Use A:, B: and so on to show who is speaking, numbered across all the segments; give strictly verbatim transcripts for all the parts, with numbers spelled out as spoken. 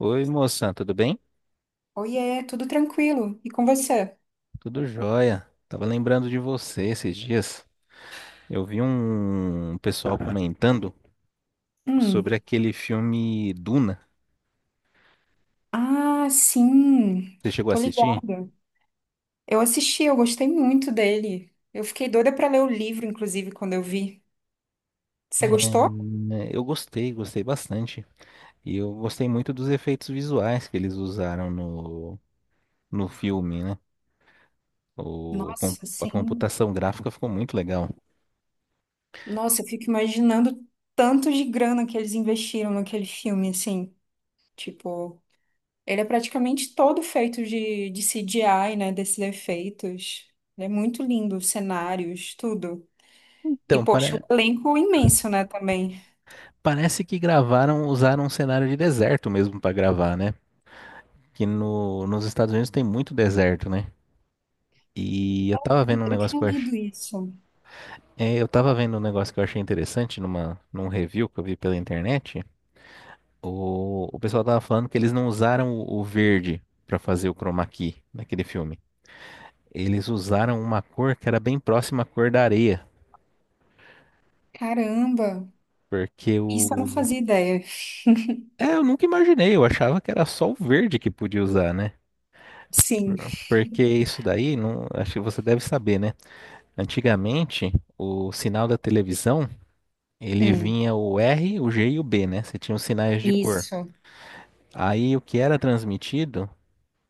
A: Oi, moça, tudo bem?
B: Oiê, tudo tranquilo. E com você?
A: Tudo jóia. Tava lembrando de você esses dias. Eu vi um pessoal comentando sobre
B: Hum.
A: aquele filme Duna.
B: Ah, sim.
A: Você chegou a
B: Tô
A: assistir?
B: ligada. Eu assisti, eu gostei muito dele. Eu fiquei doida pra ler o livro, inclusive, quando eu vi.
A: É,
B: Você gostou?
A: eu gostei, gostei bastante. E eu gostei muito dos efeitos visuais que eles usaram no, no filme, né? O, a com-
B: Nossa,
A: a
B: sim.
A: computação gráfica ficou muito legal.
B: Nossa, eu fico imaginando tanto de grana que eles investiram naquele filme, assim. Tipo, ele é praticamente todo feito de, de C G I, né? Desses efeitos. Ele é muito lindo, os cenários, tudo. E,
A: Então,
B: poxa, o
A: pare-
B: elenco imenso, né, também.
A: parece que gravaram, usaram um cenário de deserto mesmo para gravar, né? Que no, nos Estados Unidos tem muito deserto, né? E eu tava vendo um
B: Eu
A: negócio
B: tinha
A: que eu achei,
B: lido isso.
A: eu tava vendo um negócio que eu achei interessante numa, num review que eu vi pela internet. O, o pessoal tava falando que eles não usaram o, o verde pra fazer o chroma key naquele filme. Eles usaram uma cor que era bem próxima à cor da areia,
B: Caramba,
A: porque
B: isso eu não
A: o...
B: fazia ideia.
A: É, eu nunca imaginei, eu achava que era só o verde que podia usar, né?
B: Sim,
A: Por- Porque isso daí, não, acho que você deve saber, né? Antigamente, o sinal da televisão ele
B: hum,
A: vinha o R, o G e o B, né? Você tinha os sinais de cor.
B: isso.
A: Aí o que era transmitido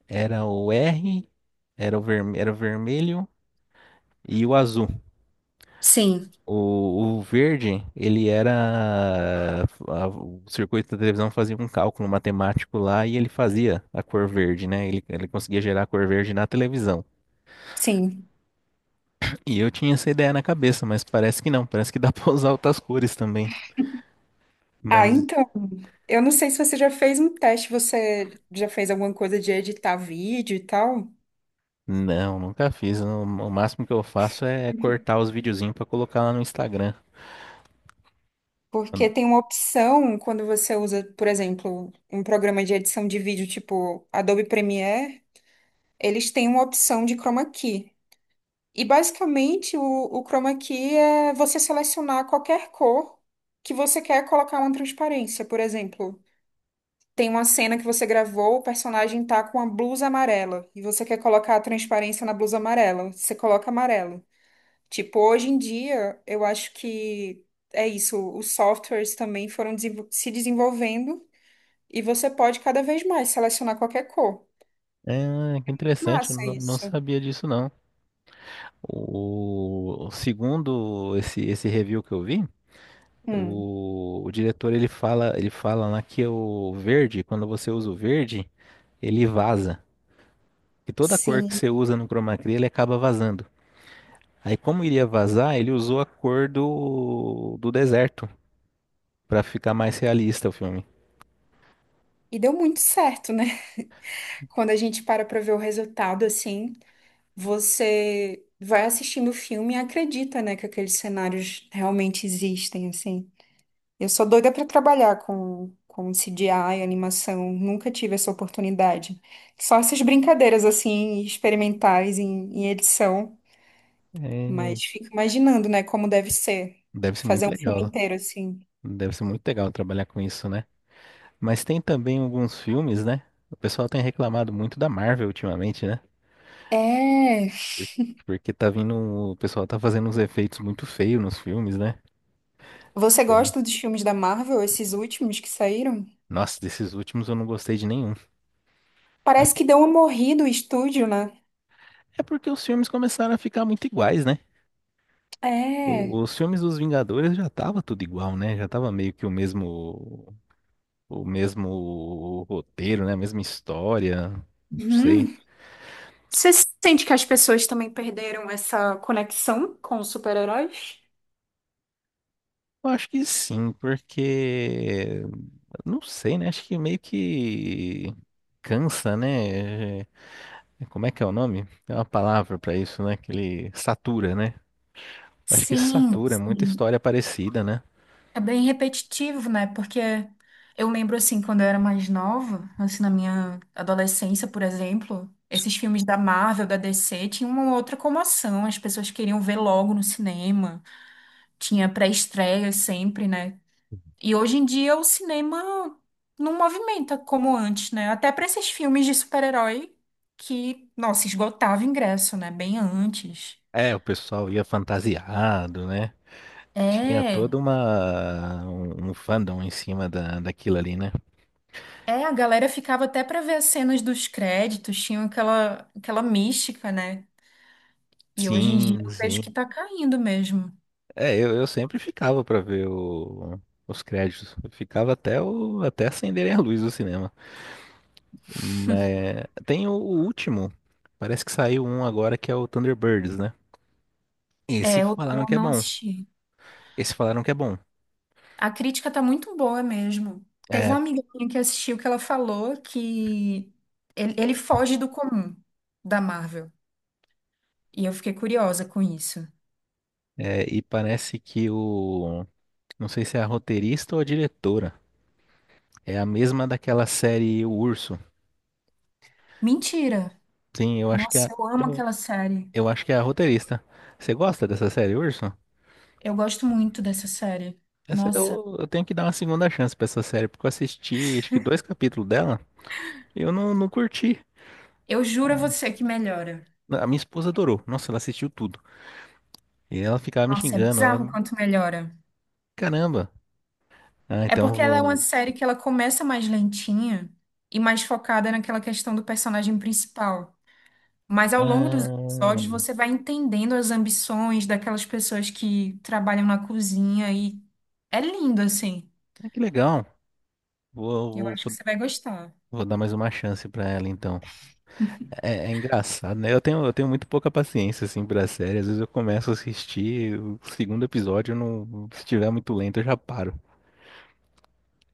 A: era o R, era o, verme- era o vermelho e o azul.
B: Sim,
A: O, o verde, ele era... a- o circuito da televisão fazia um cálculo matemático lá e ele fazia a cor verde, né? Ele, ele conseguia gerar a cor verde na televisão.
B: sim.
A: E eu tinha essa ideia na cabeça, mas parece que não. Parece que dá pra usar outras cores também.
B: Ah,
A: mas
B: então, eu não sei se você já fez um teste, você já fez alguma coisa de editar vídeo e tal?
A: Não, nunca fiz. O o máximo que eu faço é cortar os videozinhos pra colocar lá no Instagram.
B: Porque tem uma opção quando você usa, por exemplo, um programa de edição de vídeo tipo Adobe Premiere, eles têm uma opção de chroma key. E basicamente o, o chroma key é você selecionar qualquer cor que você quer colocar uma transparência. Por exemplo, tem uma cena que você gravou, o personagem tá com uma blusa amarela e você quer colocar a transparência na blusa amarela. Você coloca amarelo. Tipo, hoje em dia, eu acho que é isso. Os softwares também foram desenvol- se desenvolvendo e você pode cada vez mais selecionar qualquer cor.
A: É, que interessante, eu
B: Massa
A: não, não
B: isso.
A: sabia disso não. O, o segundo esse esse review que eu vi,
B: Hum,
A: o, o diretor ele fala, ele fala lá que o verde, quando você usa o verde, ele vaza. E toda cor que
B: sim.
A: você usa no chroma key, ele acaba vazando. Aí como iria vazar, ele usou a cor do do deserto pra ficar mais realista o filme.
B: E deu muito certo, né? Quando a gente para pra ver o resultado, assim, você vai assistindo o filme e acredita, né, que aqueles cenários realmente existem, assim. Eu sou doida pra trabalhar com, com C G I, animação, nunca tive essa oportunidade. Só essas brincadeiras, assim, experimentais em, em edição,
A: É,
B: mas fico imaginando, né, como deve ser
A: deve ser
B: fazer
A: muito
B: um filme
A: legal.
B: inteiro, assim.
A: Deve ser muito legal trabalhar com isso, né? Mas tem também alguns filmes, né? O pessoal tem reclamado muito da Marvel ultimamente, né?
B: É.
A: Por- Porque tá vindo, o pessoal tá fazendo uns efeitos muito feios nos filmes, né?
B: Você
A: Sim.
B: gosta dos filmes da Marvel, esses últimos que saíram?
A: Nossa, desses últimos eu não gostei de nenhum. Ah,
B: Parece que deu uma morrida o estúdio, né?
A: é porque os filmes começaram a ficar muito iguais, né?
B: É.
A: O- Os filmes dos Vingadores já tava tudo igual, né? Já tava meio que o mesmo, o mesmo roteiro, né? A mesma história. Não sei.
B: Hum. Você sente que as pessoas também perderam essa conexão com os super-heróis?
A: Eu acho que sim, porque... Não sei, né? Acho que meio que cansa, né? É... Como é que é o nome? Tem uma palavra pra isso, né? Que ele satura, né? Acho que
B: Sim,
A: satura, é muita
B: sim.
A: história parecida, né?
B: É bem repetitivo, né? Porque eu lembro, assim, quando eu era mais nova, assim, na minha adolescência, por exemplo, esses filmes da Marvel, da D C, tinham uma outra comoção, as pessoas queriam ver logo no cinema, tinha pré-estreia sempre, né? E hoje em dia o cinema não movimenta como antes, né? Até para esses filmes de super-herói que, nossa, esgotava ingresso, né? Bem antes.
A: É, o pessoal ia fantasiado, né? Tinha
B: É,
A: toda uma um um fandom em cima da, daquilo ali, né?
B: é, a galera ficava até para ver as cenas dos créditos, tinha aquela, aquela mística, né? E hoje em dia
A: Sim,
B: eu vejo que
A: sim.
B: tá caindo mesmo.
A: É, eu, eu sempre ficava pra ver o- os créditos. Eu ficava até o até acenderem a luz do cinema. Mas tem o, o último. Parece que saiu um agora que é o Thunderbirds, né? Esse
B: É, eu,
A: falaram
B: eu
A: que é
B: não
A: bom.
B: assisti.
A: Esse falaram que é bom.
B: A crítica tá muito boa mesmo. Teve uma
A: É,
B: amiga minha que assistiu que ela falou que ele, ele foge do comum da Marvel. E eu fiquei curiosa com isso.
A: é, e parece que o... Não sei se é a roteirista ou a diretora. É a mesma daquela série O Urso.
B: Mentira!
A: Sim, eu acho que
B: Nossa,
A: é.
B: eu amo
A: Eu,
B: aquela série.
A: eu acho que é a roteirista. Você gosta dessa série, Urso?
B: Eu gosto muito dessa série.
A: Essa-
B: Nossa,
A: eu, eu tenho que dar uma segunda chance pra essa série, porque eu assisti acho que dois capítulos dela e eu não, não curti.
B: eu juro a você que melhora.
A: A minha esposa adorou. Nossa, ela assistiu tudo. E ela ficava me
B: Nossa, é
A: xingando.
B: bizarro o
A: Ela...
B: quanto melhora.
A: Caramba. Ah,
B: É
A: então eu
B: porque ela é uma
A: vou.
B: série que ela começa mais lentinha e mais focada naquela questão do personagem principal. Mas ao longo dos
A: Ah,
B: episódios você vai entendendo as ambições daquelas pessoas que trabalham na cozinha e é lindo assim.
A: ah, que legal. Vou,
B: Eu
A: vou,
B: acho que
A: vou
B: você vai gostar.
A: vou dar mais uma chance pra ela, então. É, é engraçado, né? Eu tenho, eu tenho muito pouca paciência, assim, pra série. Às vezes eu começo a assistir o segundo episódio, eu não, se estiver muito lento, eu já paro.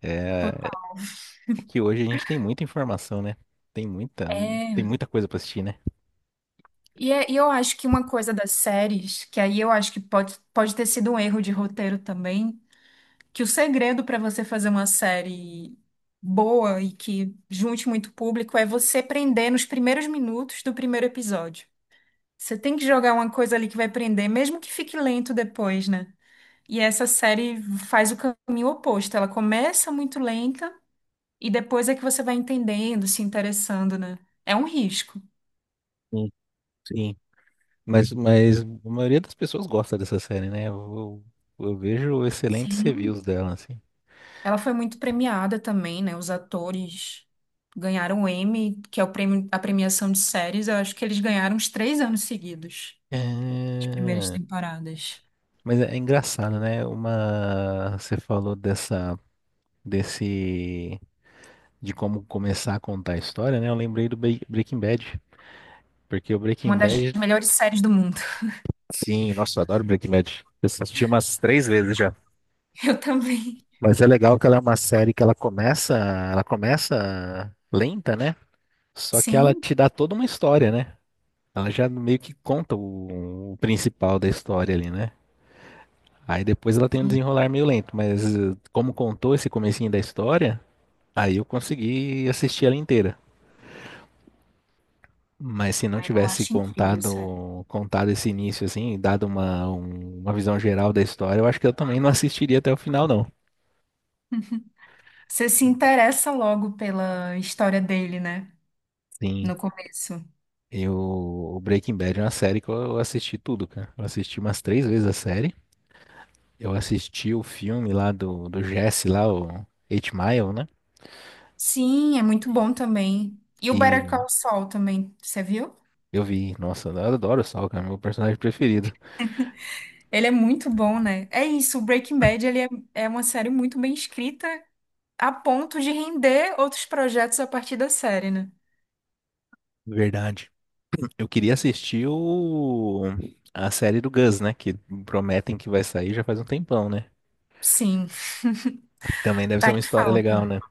A: É
B: Total.
A: que hoje a gente tem muita informação, né? Tem muita, tem
B: É.
A: muita coisa pra assistir, né?
B: E, é- e eu acho que uma coisa das séries, que aí eu acho que pode, pode ter sido um erro de roteiro também, que o segredo para você fazer uma série boa e que junte muito público é você prender nos primeiros minutos do primeiro episódio. Você tem que jogar uma coisa ali que vai prender, mesmo que fique lento depois, né? E essa série faz o caminho oposto. Ela começa muito lenta e depois é que você vai entendendo, se interessando, né? É um risco.
A: Sim. Sim. Mas, mas a maioria das pessoas gosta dessa série, né? Eu, eu vejo excelentes
B: Sim.
A: reviews dela, assim.
B: Ela foi muito premiada também, né? Os atores ganharam o Emmy, que é o prêmio, a premiação de séries. Eu acho que eles ganharam uns três anos seguidos, as primeiras
A: É.
B: temporadas.
A: Mas é é engraçado, né? Uma, você falou dessa, desse, de como começar a contar a história, né? Eu lembrei do Be- Breaking Bad, porque o Breaking
B: Uma das
A: Bad,
B: melhores séries do mundo.
A: sim, nossa, eu adoro Breaking Bad. Eu assisti umas três vezes já.
B: Eu também.
A: Mas é legal que ela é uma série que ela começa, ela começa lenta, né? Só que ela
B: Sim,
A: te dá toda uma história, né? Ela já meio que conta o, o principal da história ali, né? Aí depois ela tem um
B: sim.
A: desenrolar meio lento, mas eh, como contou esse comecinho da história, aí eu consegui assistir ela inteira. Mas se não
B: Aí eu
A: tivesse
B: acho incrível isso. É.
A: contado, contado esse início assim, dado uma, um- uma visão geral da história, eu acho que eu também não assistiria até o final, não.
B: Você se interessa logo pela história dele, né?
A: Sim,
B: No começo.
A: eu, o Breaking Bad é uma série que eu assisti tudo, cara. Eu assisti umas três vezes a série. Eu assisti o filme lá do, do Jesse lá, o Eight Mile, né?
B: Sim, é muito bom também. E o Better
A: E
B: Call Saul também, você viu?
A: eu vi, nossa, eu adoro o Saul, cara, meu personagem preferido.
B: Ele é muito bom, né? É isso, o Breaking Bad ele é, é uma série muito bem escrita a ponto de render outros projetos a partir da série, né?
A: Verdade. Eu queria assistir o... a série do Gus, né? Que prometem que vai sair já faz um tempão, né?
B: Sim,
A: Que também deve ser
B: tá
A: uma
B: em
A: história legal,
B: falta.
A: né?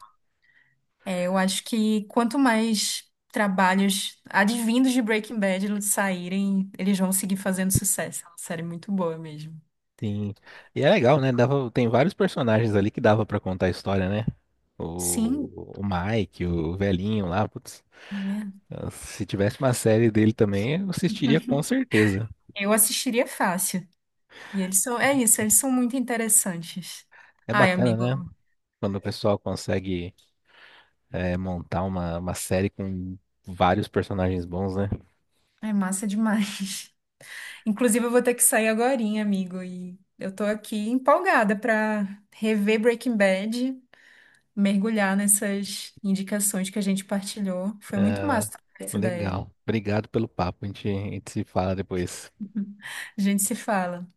B: É, eu acho que quanto mais trabalhos advindos de Breaking Bad saírem, eles vão seguir fazendo sucesso. É uma série muito boa mesmo.
A: Sim. E é legal, né? Dava... Tem vários personagens ali que dava pra contar a história, né?
B: Sim,
A: O... o Mike, o velhinho lá, putz.
B: né?
A: Se tivesse uma série dele também, eu assistiria com certeza.
B: Eu assistiria fácil. E eles são, é isso, eles são muito interessantes.
A: É
B: Ai,
A: bacana,
B: amigo,
A: né? Quando o pessoal consegue eh, montar uma, uma série com vários personagens bons, né?
B: é massa demais. Inclusive, eu vou ter que sair agorinha, amigo, e eu tô aqui empolgada pra rever Breaking Bad, mergulhar nessas indicações que a gente partilhou. Foi muito
A: Ah,
B: massa trocar essa ideia.
A: legal. Obrigado pelo papo. A gente, a gente se fala depois.
B: A gente se fala.